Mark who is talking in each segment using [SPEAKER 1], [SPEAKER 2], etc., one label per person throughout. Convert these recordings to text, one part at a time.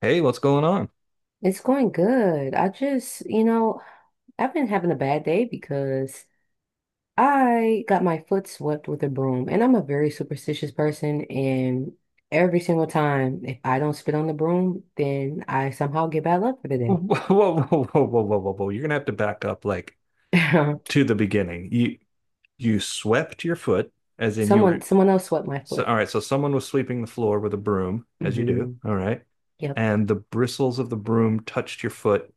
[SPEAKER 1] Hey, what's going on?
[SPEAKER 2] It's going good. I just, you know, I've been having a bad day because I got my foot swept with a broom, and I'm a very superstitious person. And every single time, if I don't spit on the broom, then I somehow get bad luck for the
[SPEAKER 1] Whoa,
[SPEAKER 2] day.
[SPEAKER 1] whoa, whoa, whoa, whoa, whoa, whoa, whoa. You're gonna have to back up like to the beginning. You swept your foot, as in you were.
[SPEAKER 2] Someone else swept my
[SPEAKER 1] So,
[SPEAKER 2] foot.
[SPEAKER 1] all right, so someone was sweeping the floor with a broom, as you do,
[SPEAKER 2] Hmm.
[SPEAKER 1] all right,
[SPEAKER 2] Yep.
[SPEAKER 1] and the bristles of the broom touched your foot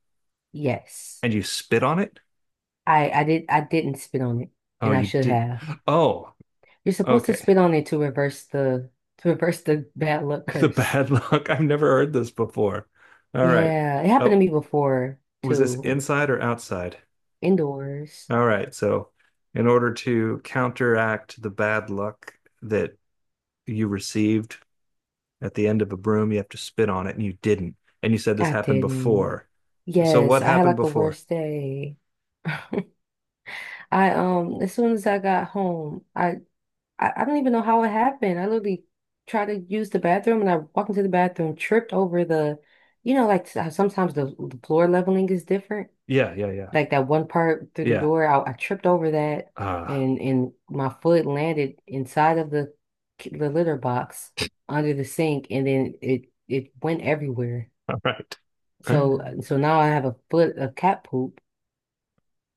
[SPEAKER 2] Yes.
[SPEAKER 1] and you spit on it?
[SPEAKER 2] I did. I didn't spit on it,
[SPEAKER 1] Oh,
[SPEAKER 2] and I
[SPEAKER 1] you
[SPEAKER 2] should
[SPEAKER 1] did.
[SPEAKER 2] have.
[SPEAKER 1] Oh,
[SPEAKER 2] You're supposed to
[SPEAKER 1] okay.
[SPEAKER 2] spit on it to reverse the bad luck
[SPEAKER 1] The
[SPEAKER 2] curse.
[SPEAKER 1] bad luck. I've never heard this before. All right.
[SPEAKER 2] Yeah, it happened to
[SPEAKER 1] Oh,
[SPEAKER 2] me before
[SPEAKER 1] was this
[SPEAKER 2] too.
[SPEAKER 1] inside or outside?
[SPEAKER 2] Indoors.
[SPEAKER 1] All right. So, in order to counteract the bad luck that you received at the end of a broom, you have to spit on it, and you didn't. And you said this
[SPEAKER 2] I
[SPEAKER 1] happened
[SPEAKER 2] didn't.
[SPEAKER 1] before. So,
[SPEAKER 2] Yes,
[SPEAKER 1] what
[SPEAKER 2] I had
[SPEAKER 1] happened
[SPEAKER 2] like the
[SPEAKER 1] before?
[SPEAKER 2] worst day. I As soon as I got home, I don't even know how it happened. I literally tried to use the bathroom and I walked into the bathroom, tripped over the, like how sometimes the floor leveling is different.
[SPEAKER 1] Yeah, yeah, yeah,
[SPEAKER 2] Like that one part through the
[SPEAKER 1] yeah.
[SPEAKER 2] door, I tripped over that,
[SPEAKER 1] Ah,
[SPEAKER 2] and my foot landed inside of the litter box under the sink, and then it went everywhere.
[SPEAKER 1] all right.
[SPEAKER 2] So uh, so now I have a foot of cat poop,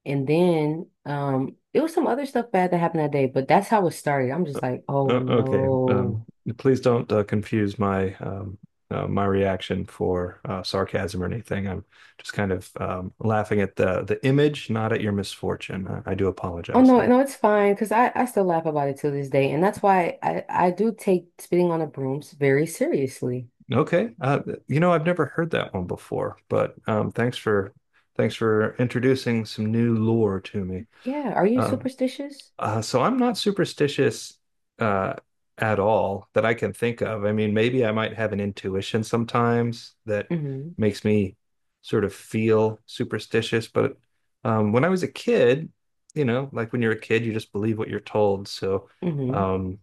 [SPEAKER 2] and then it was some other stuff bad that happened that day, but that's how it started. I'm just like, oh
[SPEAKER 1] Okay.
[SPEAKER 2] no.
[SPEAKER 1] Please don't confuse my my reaction for sarcasm or anything. I'm just kind of laughing at the image, not at your misfortune. I do
[SPEAKER 2] Oh
[SPEAKER 1] apologize,
[SPEAKER 2] no,
[SPEAKER 1] though.
[SPEAKER 2] no, it's fine because I still laugh about it to this day, and that's why I do take spitting on the brooms very seriously.
[SPEAKER 1] Okay. I've never heard that one before, but thanks for introducing some new lore to me.
[SPEAKER 2] Yeah, are you
[SPEAKER 1] Um,
[SPEAKER 2] superstitious?
[SPEAKER 1] so I'm not superstitious uh, at all that I can think of. I mean, maybe I might have an intuition sometimes that
[SPEAKER 2] Mm-hmm.
[SPEAKER 1] makes me sort of feel superstitious, but when I was a kid, you know, like when you're a kid, you just believe what you're told. So
[SPEAKER 2] Mm-hmm.
[SPEAKER 1] um,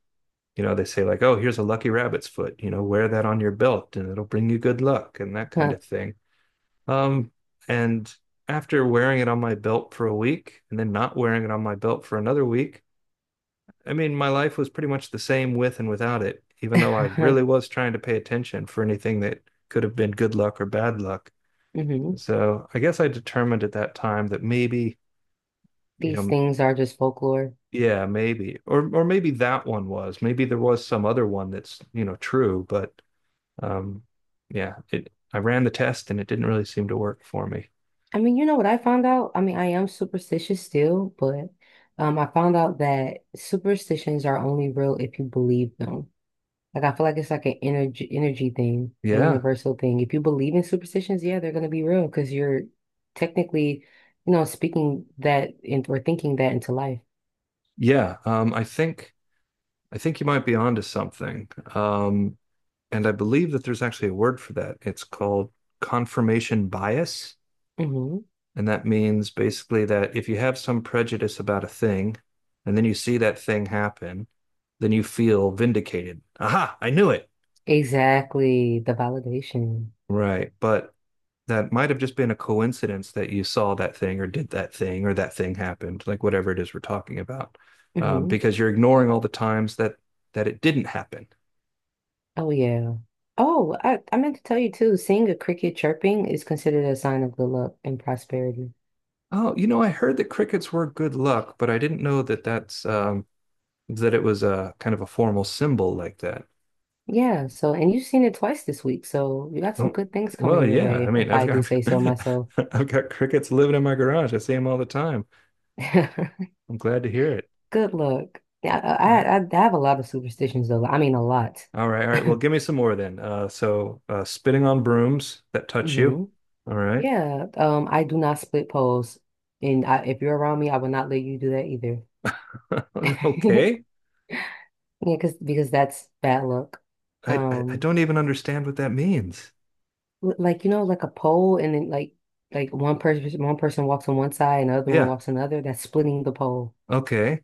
[SPEAKER 1] you know they say, like, oh, here's a lucky rabbit's foot, you know, wear that on your belt, and it'll bring you good luck and that kind of thing. um and after wearing it on my belt for a week and then not wearing it on my belt for another week, I mean, my life was pretty much the same with and without it, even though I really was trying to pay attention for anything that could have been good luck or bad luck.
[SPEAKER 2] Mm-hmm.
[SPEAKER 1] So I guess I determined at that time that maybe, you
[SPEAKER 2] These
[SPEAKER 1] know,
[SPEAKER 2] things are just folklore.
[SPEAKER 1] yeah, maybe, or maybe that one was, maybe there was some other one that's, you know, true, but Um, yeah, it I ran the test and it didn't really seem to work for me.
[SPEAKER 2] I mean, you know what I found out? I mean, I am superstitious still, but I found out that superstitions are only real if you believe them. Like I feel like it's like an energy thing, a
[SPEAKER 1] Yeah.
[SPEAKER 2] universal thing. If you believe in superstitions, yeah, they're gonna be real because you're technically, speaking that in, or thinking that into life.
[SPEAKER 1] Yeah. I think you might be onto something. Um, and I believe that there's actually a word for that. It's called confirmation bias.
[SPEAKER 2] Hmm.
[SPEAKER 1] And that means basically that if you have some prejudice about a thing and then you see that thing happen, then you feel vindicated. Aha, I knew it.
[SPEAKER 2] Exactly, the validation.
[SPEAKER 1] Right. But that might have just been a coincidence that you saw that thing or did that thing or that thing happened, like whatever it is we're talking about,
[SPEAKER 2] Hmm.
[SPEAKER 1] because you're ignoring all the times that it didn't happen.
[SPEAKER 2] Oh yeah. Oh, I meant to tell you too, seeing a cricket chirping is considered a sign of good luck and prosperity.
[SPEAKER 1] Oh, you know, I heard that crickets were good luck, but I didn't know that that's that it was a kind of a formal symbol like that.
[SPEAKER 2] Yeah, so and you've seen it twice this week, so you got some
[SPEAKER 1] Oh,
[SPEAKER 2] good things
[SPEAKER 1] well,
[SPEAKER 2] coming your
[SPEAKER 1] yeah.
[SPEAKER 2] way,
[SPEAKER 1] I
[SPEAKER 2] if,
[SPEAKER 1] mean,
[SPEAKER 2] if
[SPEAKER 1] I've
[SPEAKER 2] I do
[SPEAKER 1] got
[SPEAKER 2] say so myself.
[SPEAKER 1] I've got crickets living in my garage. I see them all the time. I'm glad to hear it.
[SPEAKER 2] Good luck. Yeah, I,
[SPEAKER 1] Yeah.
[SPEAKER 2] I I have a lot of superstitions though. I mean, a lot.
[SPEAKER 1] All right, all right. Well, give me some more then. Spitting on brooms that touch you.
[SPEAKER 2] Hmm.
[SPEAKER 1] All right.
[SPEAKER 2] Yeah, I do not split poles. And I, if you're around me, I will not let you do that either.
[SPEAKER 1] Okay.
[SPEAKER 2] Yeah, because that's bad luck.
[SPEAKER 1] I
[SPEAKER 2] Um,
[SPEAKER 1] don't even understand what that means.
[SPEAKER 2] Like, like a pole, and then like one person walks on one side and the other one
[SPEAKER 1] Yeah.
[SPEAKER 2] walks on the other. That's splitting the pole.
[SPEAKER 1] Okay.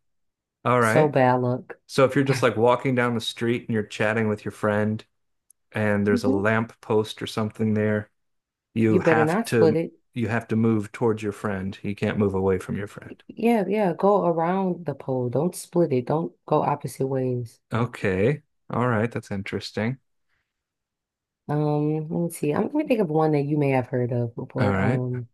[SPEAKER 1] All
[SPEAKER 2] So
[SPEAKER 1] right.
[SPEAKER 2] bad luck.
[SPEAKER 1] So if you're just like walking down the street and you're chatting with your friend and there's a
[SPEAKER 2] Hmm.
[SPEAKER 1] lamp post or something there, you
[SPEAKER 2] You better
[SPEAKER 1] have
[SPEAKER 2] not
[SPEAKER 1] to
[SPEAKER 2] split it.
[SPEAKER 1] you have to move towards your friend. You can't move away from your friend.
[SPEAKER 2] Yeah, yeah, go around the pole. Don't split it. Don't go opposite ways.
[SPEAKER 1] Okay. All right. That's interesting.
[SPEAKER 2] Let me see. I'm gonna think of one that you may have heard of
[SPEAKER 1] All
[SPEAKER 2] before.
[SPEAKER 1] right.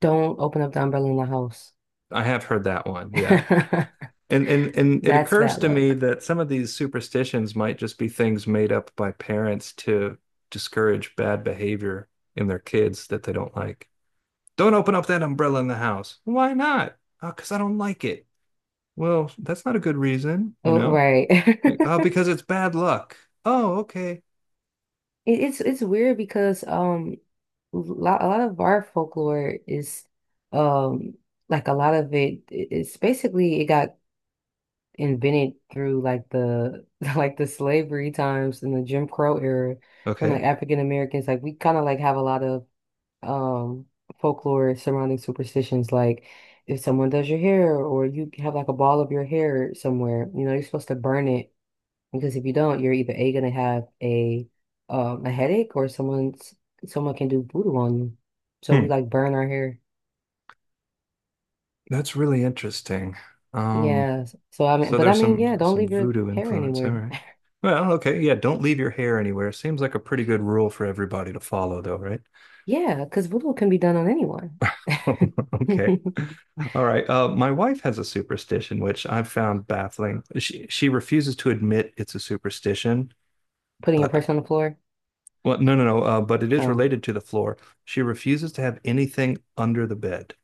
[SPEAKER 2] Don't open up the umbrella in the house.
[SPEAKER 1] I have heard that one. Yeah. And it
[SPEAKER 2] That's
[SPEAKER 1] occurs
[SPEAKER 2] bad
[SPEAKER 1] to me
[SPEAKER 2] luck.
[SPEAKER 1] that some of these superstitions might just be things made up by parents to discourage bad behavior in their kids that they don't like. Don't open up that umbrella in the house. Why not? Oh, because I don't like it. Well, that's not a good reason, you
[SPEAKER 2] Oh,
[SPEAKER 1] know?
[SPEAKER 2] right.
[SPEAKER 1] Like, oh, because it's bad luck. Oh, okay.
[SPEAKER 2] It's weird, because lo a lot of our folklore is um like a lot of it's basically it got invented through like the like the slavery times and the Jim Crow era, from
[SPEAKER 1] Okay.
[SPEAKER 2] like African Americans. Like, we kind of like have a lot of um folklore surrounding superstitions, like if someone does your hair, or you have like a ball of your hair somewhere, you're supposed to burn it, because if you don't, you're either A gonna have a headache, or someone can do voodoo on you. So
[SPEAKER 1] Hmm.
[SPEAKER 2] we like burn our hair.
[SPEAKER 1] That's really interesting. Um,
[SPEAKER 2] Yeah. So I mean,
[SPEAKER 1] So
[SPEAKER 2] but I
[SPEAKER 1] there's
[SPEAKER 2] mean,
[SPEAKER 1] some
[SPEAKER 2] yeah, don't
[SPEAKER 1] some
[SPEAKER 2] leave your
[SPEAKER 1] voodoo
[SPEAKER 2] hair
[SPEAKER 1] influence. All
[SPEAKER 2] anywhere.
[SPEAKER 1] right. Well, okay. Yeah, don't leave your hair anywhere. Seems like a pretty good rule for everybody to follow, though, right?
[SPEAKER 2] Yeah, because voodoo can be done on anyone.
[SPEAKER 1] Okay. All right. My wife has a superstition, which I've found baffling. She refuses to admit it's a superstition,
[SPEAKER 2] Putting a
[SPEAKER 1] but,
[SPEAKER 2] person on the floor.
[SPEAKER 1] well, no, no, no. But it is
[SPEAKER 2] Oh.
[SPEAKER 1] related to the floor. She refuses to have anything under the bed.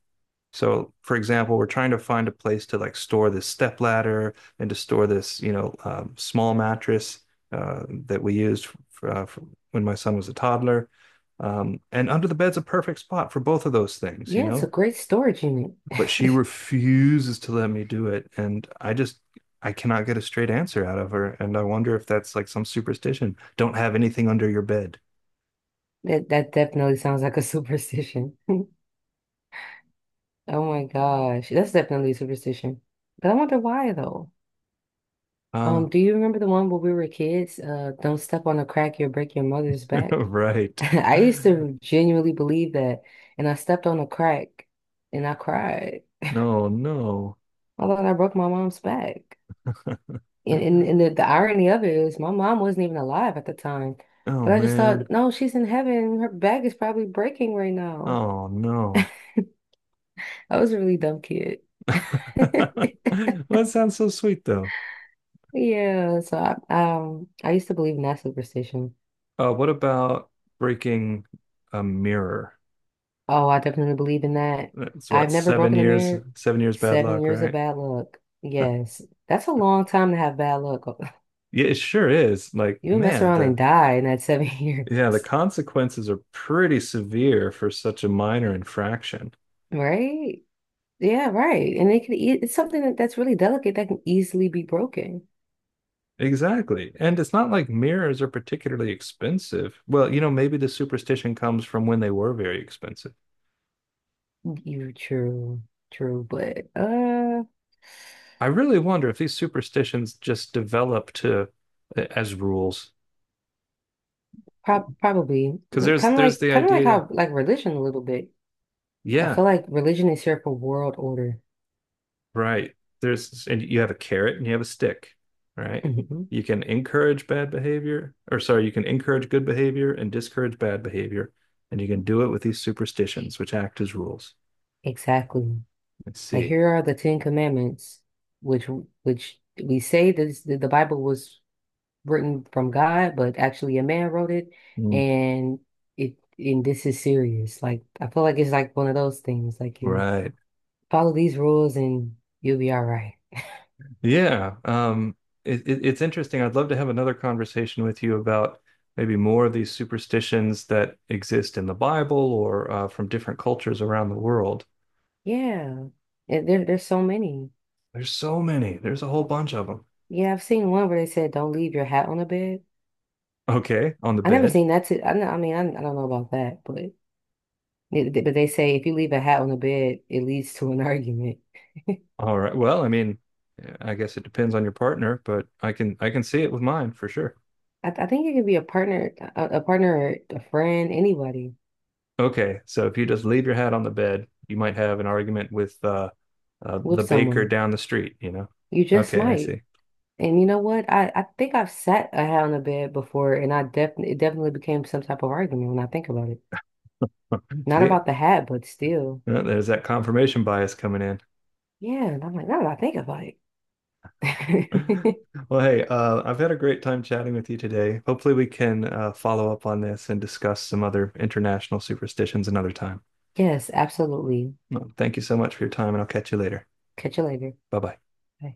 [SPEAKER 1] So, for example, we're trying to find a place to, like, store this step ladder and to store this, small mattress that we used for when my son was a toddler. And under the bed's a perfect spot for both of those things, you
[SPEAKER 2] Yeah, it's a
[SPEAKER 1] know.
[SPEAKER 2] great storage unit.
[SPEAKER 1] But she refuses to let me do it, and I cannot get a straight answer out of her. And I wonder if that's like some superstition. Don't have anything under your bed.
[SPEAKER 2] That definitely sounds like a superstition. Oh my gosh. That's definitely a superstition. But I wonder why though.
[SPEAKER 1] Ah,
[SPEAKER 2] Do you remember the one where we were kids? Don't step on a crack, you'll break your mother's back.
[SPEAKER 1] right.
[SPEAKER 2] I used to genuinely believe that, and I stepped on a crack and I cried.
[SPEAKER 1] No, no.
[SPEAKER 2] I thought I broke my mom's back. And the irony of it is, my mom wasn't even alive at the time.
[SPEAKER 1] Oh,
[SPEAKER 2] But I just
[SPEAKER 1] man.
[SPEAKER 2] thought, no, she's in heaven. Her back is probably breaking right now.
[SPEAKER 1] Oh, no.
[SPEAKER 2] I was a really dumb kid.
[SPEAKER 1] Well, that sounds so sweet though.
[SPEAKER 2] Yeah, so I used to believe in that superstition.
[SPEAKER 1] What about breaking a mirror?
[SPEAKER 2] Oh, I definitely believe in that.
[SPEAKER 1] That's
[SPEAKER 2] I've
[SPEAKER 1] what,
[SPEAKER 2] never
[SPEAKER 1] seven
[SPEAKER 2] broken a
[SPEAKER 1] years,
[SPEAKER 2] mirror.
[SPEAKER 1] seven years bad
[SPEAKER 2] Seven
[SPEAKER 1] luck,
[SPEAKER 2] years of
[SPEAKER 1] right?
[SPEAKER 2] bad luck. Yes. That's a long time to have bad luck.
[SPEAKER 1] Yeah, it sure is. Like,
[SPEAKER 2] You would mess
[SPEAKER 1] man,
[SPEAKER 2] around
[SPEAKER 1] the
[SPEAKER 2] and die in that seven years.
[SPEAKER 1] yeah, the consequences are pretty severe for such a minor infraction.
[SPEAKER 2] Right? Yeah, right. And it can e it's something that's really delicate, that can easily be broken.
[SPEAKER 1] Exactly. And it's not like mirrors are particularly expensive. Well, maybe the superstition comes from when they were very expensive.
[SPEAKER 2] You true, true, but
[SPEAKER 1] I really wonder if these superstitions just develop to as rules.
[SPEAKER 2] probably,
[SPEAKER 1] Because there's
[SPEAKER 2] kind of
[SPEAKER 1] there's
[SPEAKER 2] like
[SPEAKER 1] the
[SPEAKER 2] kind of like
[SPEAKER 1] idea,
[SPEAKER 2] how like religion a little bit. I
[SPEAKER 1] yeah,
[SPEAKER 2] feel like religion is here for world order.
[SPEAKER 1] right. There's and you have a carrot and you have a stick, right?
[SPEAKER 2] Hmm.
[SPEAKER 1] You can encourage bad behavior, or, sorry, you can encourage good behavior and discourage bad behavior, and you can do it with these superstitions, which act as rules.
[SPEAKER 2] Exactly.
[SPEAKER 1] Let's
[SPEAKER 2] Like,
[SPEAKER 1] see.
[SPEAKER 2] here are the Ten Commandments, which which we say this, that the Bible was written from God, but actually a man wrote it,
[SPEAKER 1] Mm.
[SPEAKER 2] and and this is serious. Like I feel like it's like one of those things. Like, you
[SPEAKER 1] Right.
[SPEAKER 2] follow these rules and you'll be all right.
[SPEAKER 1] Yeah, it's interesting. I'd love to have another conversation with you about maybe more of these superstitions that exist in the Bible or from different cultures around the world.
[SPEAKER 2] Yeah. And there's so many.
[SPEAKER 1] There's so many. There's a whole bunch of them.
[SPEAKER 2] Yeah, I've seen one where they said don't leave your hat on the bed.
[SPEAKER 1] Okay, on the
[SPEAKER 2] I never
[SPEAKER 1] bed.
[SPEAKER 2] seen that. I mean, I don't know about that, but but they say if you leave a hat on the bed, it leads to an argument.
[SPEAKER 1] All right. Well, I mean, I guess it depends on your partner, but I can see it with mine for sure.
[SPEAKER 2] I think it could be a partner, a partner, or a friend, anybody
[SPEAKER 1] Okay, so if you just leave your hat on the bed, you might have an argument with
[SPEAKER 2] with
[SPEAKER 1] the baker
[SPEAKER 2] someone.
[SPEAKER 1] down the street, you know?
[SPEAKER 2] You just
[SPEAKER 1] Okay, I
[SPEAKER 2] might.
[SPEAKER 1] see.
[SPEAKER 2] And you know what? I think I've sat a hat on the bed before, and I definitely it definitely became some type of argument when I think about it. Not
[SPEAKER 1] See,
[SPEAKER 2] about the hat, but still.
[SPEAKER 1] yeah, there's that confirmation bias coming in.
[SPEAKER 2] Yeah, and I'm like, now that I think about it.
[SPEAKER 1] Well, hey, I've had a great time chatting with you today. Hopefully, we can follow up on this and discuss some other international superstitions another time.
[SPEAKER 2] Yes, absolutely.
[SPEAKER 1] Well, thank you so much for your time, and I'll catch you later.
[SPEAKER 2] Catch you later.
[SPEAKER 1] Bye bye.
[SPEAKER 2] Bye.